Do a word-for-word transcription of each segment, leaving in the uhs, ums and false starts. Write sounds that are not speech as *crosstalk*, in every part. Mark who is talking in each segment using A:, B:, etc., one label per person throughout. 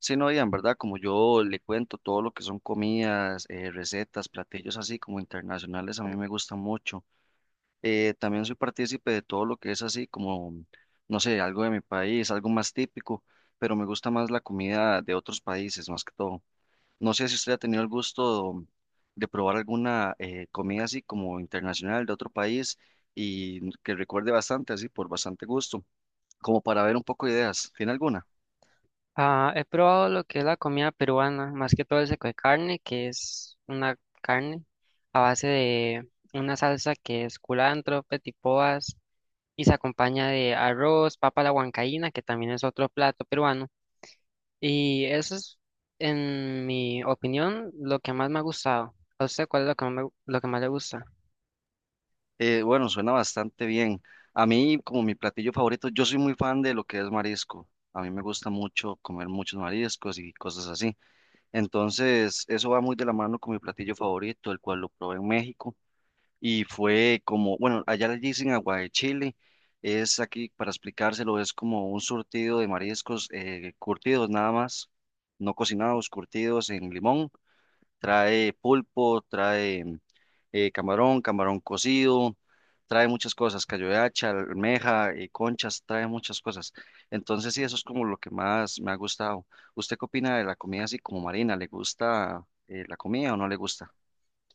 A: Sí, no, Ian, ¿verdad? Como yo le cuento todo lo que son comidas, eh, recetas, platillos así como internacionales, a mí me gusta mucho. Eh, también soy partícipe de todo lo que es así como, no sé, algo de mi país, algo más típico, pero me gusta más la comida de otros países, más que todo. No sé si usted ha tenido el gusto de probar alguna eh, comida así como internacional de otro país y que recuerde bastante, así por bastante gusto, como para ver un poco de ideas. ¿Tiene alguna?
B: Ah, he probado lo que es la comida peruana, más que todo el seco de carne, que es una carne a base de una salsa que es culantro, petipoas y se acompaña de arroz, papa a la huancaína, que también es otro plato peruano. Y eso es, en mi opinión, lo que más me ha gustado. ¿A usted cuál es lo que más, me- lo que más le gusta?
A: Eh, bueno, suena bastante bien. A mí, como mi platillo favorito, yo soy muy fan de lo que es marisco. A mí me gusta mucho comer muchos mariscos y cosas así. Entonces, eso va muy de la mano con mi platillo favorito, el cual lo probé en México y fue como, bueno, allá le dicen agua de Chile. Es aquí, para explicárselo, es como un surtido de mariscos eh, curtidos nada más, no cocinados, curtidos en limón. Trae pulpo, trae mm, eh, camarón, camarón cocido, trae muchas cosas, callo de hacha, almeja, eh, conchas, trae muchas cosas. Entonces sí, eso es como lo que más me ha gustado. ¿Usted qué opina de la comida así como marina? ¿Le gusta eh, la comida o no le gusta?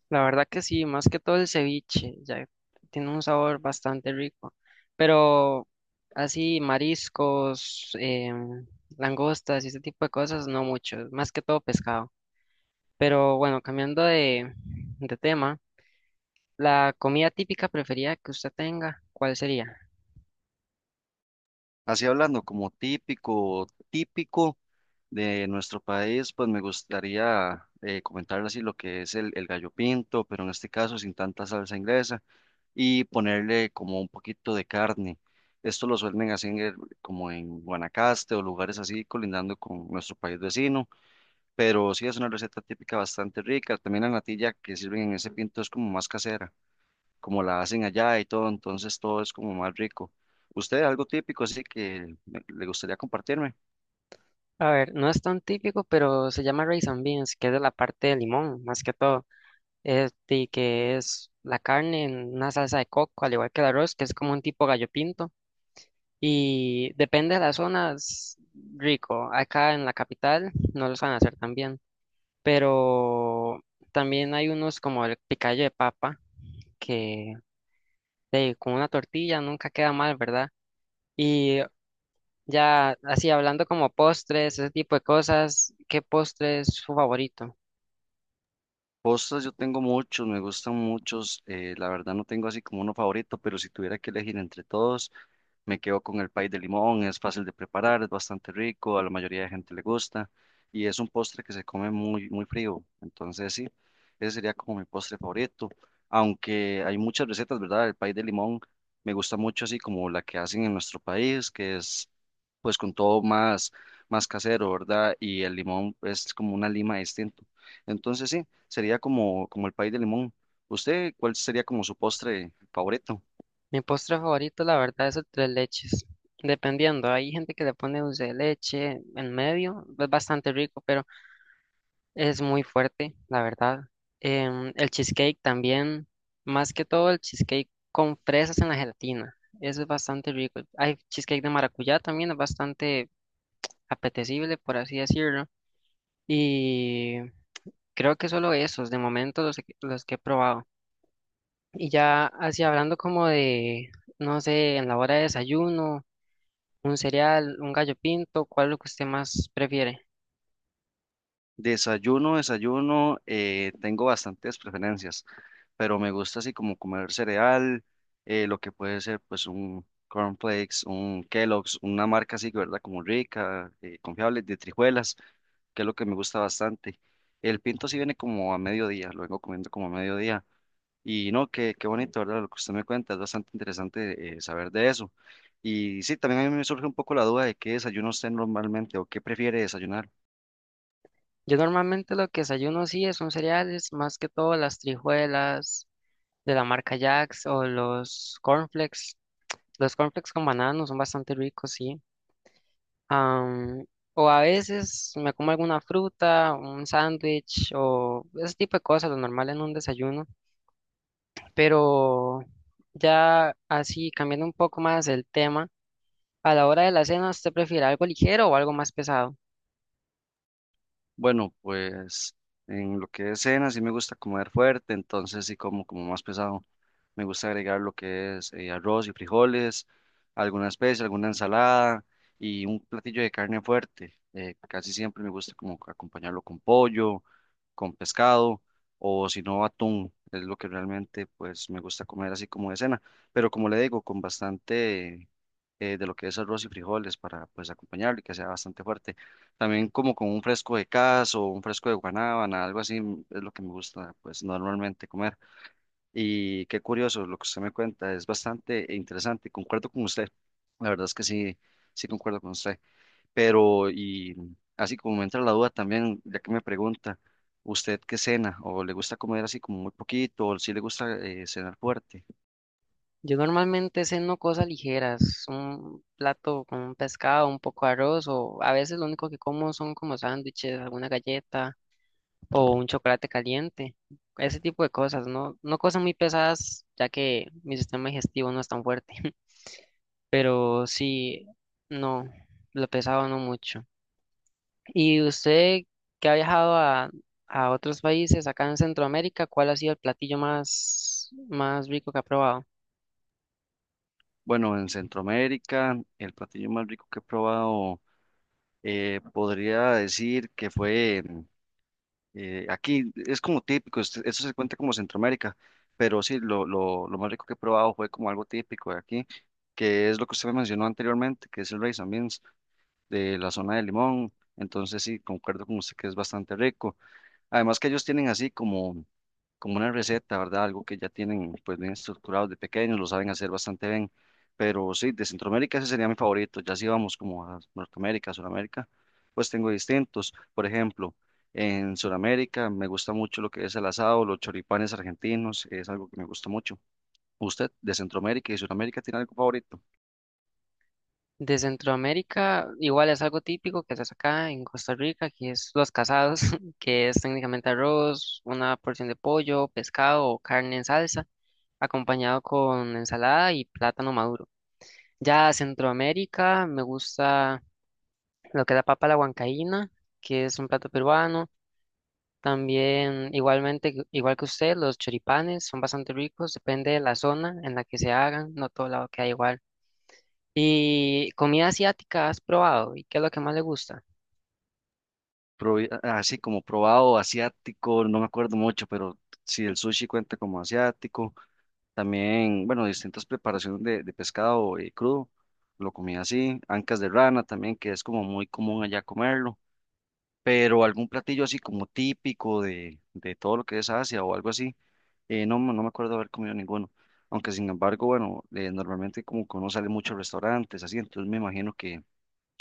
B: La verdad que sí, más que todo el ceviche, ya tiene un sabor bastante rico. Pero así mariscos, em, langostas y ese tipo de cosas, no mucho, más que todo pescado. Pero bueno, cambiando de, de tema, la comida típica preferida que usted tenga, ¿cuál sería?
A: Así hablando, como típico, típico de nuestro país, pues me gustaría eh, comentarle así lo que es el, el gallo pinto, pero en este caso sin tanta salsa inglesa y ponerle como un poquito de carne. Esto lo suelen hacer en- como en Guanacaste o lugares así colindando con nuestro país vecino, pero sí es una receta típica bastante rica. También la natilla que sirven en ese pinto es como más casera, como la hacen allá y todo, entonces todo es como más rico. ¿Usted algo típico así que me- le gustaría compartirme?
B: A ver, no es tan típico, pero se llama rice and beans, que es de la parte de limón, más que todo. Este, que es la carne en una salsa de coco, al igual que el arroz, que es como un tipo gallo pinto. Y depende de las zonas, rico. Acá en la capital no los van a hacer tan bien. Pero también hay unos como el picayo de papa, que de, con una tortilla nunca queda mal, ¿verdad? Y ya así hablando como postres, ese tipo de cosas, ¿qué postre es su favorito?
A: Postres yo tengo muchos, me gustan muchos, eh, la verdad no tengo así como uno favorito, pero si tuviera que elegir entre todos, me quedo con el pay de limón, es fácil de preparar, es bastante rico, a la mayoría de gente le gusta y es un postre que se come muy, muy frío. Entonces, sí, ese sería como mi postre favorito. Aunque hay muchas recetas, ¿verdad? El pay de limón me gusta mucho así como la que hacen en nuestro país, que es pues con todo más, más casero, ¿verdad? Y el limón es como una lima distinto. Entonces, sí, sería como, como el pay de limón. ¿Usted cuál sería como su postre favorito?
B: Mi postre favorito, la verdad, es el tres leches. Dependiendo, hay gente que le pone dulce de leche en medio, es bastante rico, pero es muy fuerte, la verdad. Em, el cheesecake también, más que todo el cheesecake con fresas en la gelatina. Eso es bastante rico. Hay cheesecake de maracuyá también, es bastante apetecible, por así decirlo. Y creo que solo esos, de momento, los, que- los que he probado. Y ya así hablando como de, no sé, en la hora de desayuno, un cereal, un gallo pinto, ¿cuál es lo que usted más prefiere?
A: Desayuno, desayuno, eh, tengo bastantes preferencias, pero me gusta así como comer cereal, eh, lo que puede ser pues un cornflakes, un Kellogg's, una marca así, ¿verdad? Como rica, eh, confiable, de trijuelas, que es lo que me gusta bastante. El pinto sí viene como a mediodía, lo vengo comiendo como a mediodía. Y no, qué, qué bonito, ¿verdad? Lo que usted me cuenta, es bastante interesante eh, saber de eso. Y sí, también a mí me surge un poco la duda de qué desayuno usted normalmente o qué prefiere desayunar.
B: Yo normalmente lo que desayuno sí es un cereales, más que todo las trijuelas de la marca Jax o los cornflakes. Los cornflakes con banano son bastante ricos, sí. Am, o a veces me como alguna fruta, un sándwich o ese tipo de cosas, lo normal en un desayuno. Pero ya así, cambiando un poco más el tema, a la hora de la cena, ¿usted prefiere algo ligero o algo más pesado?
A: Bueno, pues en lo que es cena sí me gusta comer fuerte, entonces sí como como más pesado. Me gusta agregar lo que es eh, arroz y frijoles, alguna especie, alguna ensalada y un platillo de carne fuerte. Eh, casi siempre me gusta como acompañarlo con pollo, con pescado o si no atún. Es lo que realmente pues me gusta comer así como de cena. Pero como le digo, con bastante eh, de lo que es arroz y frijoles para pues acompañarlo y que sea bastante fuerte. También como con un fresco de caso, un fresco de guanábana, algo así mm, es lo que me gusta pues normalmente comer. Y qué curioso lo que usted me cuenta, es bastante interesante, concuerdo con usted, la verdad es que sí, sí concuerdo con usted, pero y así como me entra la duda también, ya que me pregunta, ¿usted qué cena? ¿O le gusta comer así como muy poquito? ¿O si le gusta eh, cenar fuerte?
B: Yo normalmente ceno cosas ligeras, un plato con un pescado, un poco de arroz, o a veces lo único que como son como sándwiches, alguna galleta o un chocolate caliente, ese tipo de cosas, no, no cosas muy pesadas, ya que mi sistema digestivo no es tan fuerte, *laughs* pero sí, no, lo pesado no mucho. ¿Y usted que ha viajado a, a otros países acá en Centroamérica, cuál ha sido el platillo más, más rico que ha probado?
A: Bueno, en Centroamérica, el platillo más rico que he probado, eh, podría decir que fue. Eh, aquí es como típico, es- eso se cuenta como Centroamérica, pero sí, lo, lo, lo más rico que he probado fue como algo típico de aquí, que es lo que usted me mencionó anteriormente, que es el rice and beans de la zona de Limón. Entonces sí, concuerdo con usted que es bastante rico. Además que ellos tienen así como, como una receta, ¿verdad? Algo que ya tienen pues bien estructurado de pequeños, lo saben hacer bastante bien. Pero sí, de Centroamérica ese sería mi favorito. Ya si vamos como a Norteamérica, Sudamérica, pues tengo distintos. Por ejemplo, en Sudamérica me gusta mucho lo que es el asado, los choripanes argentinos, es algo que me gusta mucho. ¿Usted de Centroamérica y Sudamérica tiene algo favorito?
B: De Centroamérica, igual es algo típico que se hace acá en Costa Rica, que es los casados, *laughs* que es técnicamente arroz, una porción de pollo, pescado o carne en salsa, acompañado con ensalada y plátano maduro. Ya Centroamérica, me gusta lo que es la papa a la huancaína, que es un plato peruano. También, igualmente, que- igual que usted, los choripanes son bastante ricos, depende de la zona en la que se hagan, no todo lado queda igual. ¿Y comida asiática has probado? ¿Y qué es lo que más le gusta?
A: Probi- Así como probado asiático, no me acuerdo mucho, pero si el sushi cuenta como asiático. También, bueno, distintas preparaciones de, de pescado eh, crudo, lo comía así, ancas de rana también, que es como muy común allá comerlo, pero algún platillo así como típico de, de todo lo que es Asia o algo así, eh, no, me- no me acuerdo haber comido ninguno, aunque sin embargo, bueno, eh, normalmente como que uno sale mucho a restaurantes, así, entonces me imagino que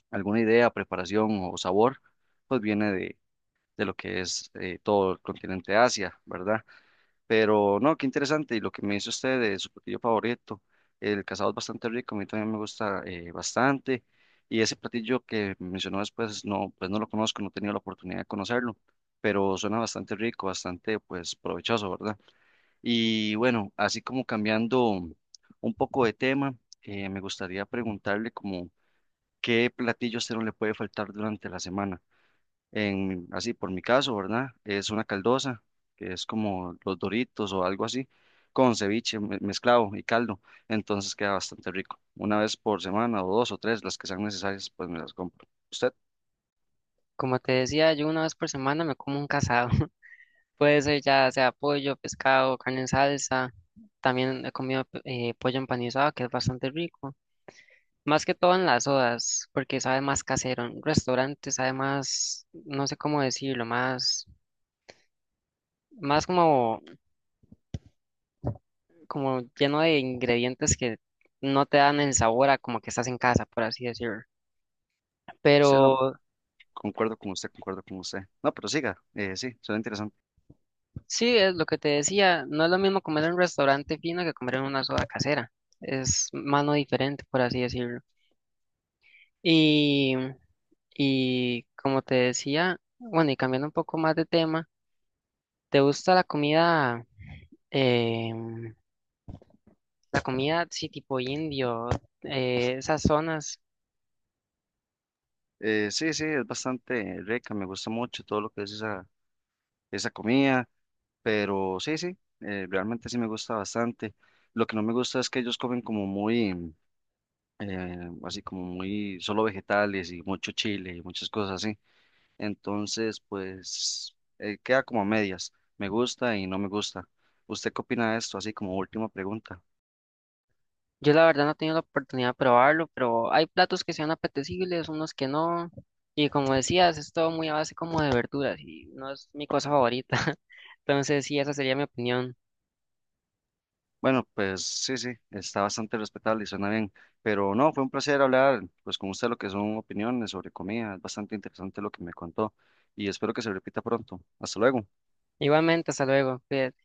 A: alguna idea, preparación o sabor, pues viene de, de lo que es eh, todo el continente Asia, ¿verdad? Pero no, qué interesante. Y lo que me dice usted de su platillo favorito, el casado es bastante rico, a mí también me gusta eh, bastante. Y ese platillo que mencionó después, no, pues no lo conozco, no he tenido la oportunidad de conocerlo, pero suena bastante rico, bastante pues provechoso, ¿verdad? Y bueno, así como cambiando un poco de tema, eh, me gustaría preguntarle como qué platillo a usted no le puede faltar durante la semana en, así por mi caso, ¿verdad? Es una caldosa, que es como los Doritos o algo así, con ceviche me- mezclado y caldo, entonces queda bastante rico. Una vez por semana o dos o tres, las que sean necesarias, pues me las compro. ¿Usted?
B: Como te decía, yo una vez por semana me como un casado. *laughs* Puede ser ya sea pollo, pescado, carne en salsa. También he comido eh, pollo empanizado, que es bastante rico. Más que todo en las sodas, porque sabe más casero. En restaurantes sabe más, no sé cómo decirlo, más, más como, como lleno de ingredientes que no te dan el sabor a como que estás en casa, por así decirlo.
A: Sí, no,
B: Pero
A: concuerdo con usted, concuerdo con usted. No, pero siga, eh, sí, suena interesante.
B: sí, es lo que te decía, no es lo mismo comer en un restaurante fino que comer en una soda casera. Es mano diferente, por así decirlo. Y, y como te decía, bueno, y cambiando un poco más de tema, ¿te gusta la comida? em, La comida, sí, tipo indio, eh, esas zonas.
A: Eh, sí, sí, es bastante rica, me gusta mucho todo lo que es esa, esa comida, pero sí, sí, eh, realmente sí me gusta bastante. Lo que no me gusta es que ellos comen como muy eh, así como muy solo vegetales y mucho chile y muchas cosas así. Entonces, pues eh, queda como a medias. Me gusta y no me gusta. ¿Usted qué opina de esto? Así como última pregunta.
B: Yo la verdad no he tenido la oportunidad de probarlo, pero hay platos que sean apetecibles, unos que no. Y como decías, es todo muy a base como de verduras y no es mi cosa favorita. *laughs* Entonces, sí, esa sería mi opinión.
A: Bueno, pues sí, sí, está bastante respetable y suena bien, pero no, fue un placer hablar pues con usted lo que son opiniones sobre comida, es bastante interesante lo que me contó y espero que se repita pronto. Hasta luego.
B: Igualmente, hasta luego. Cuídate.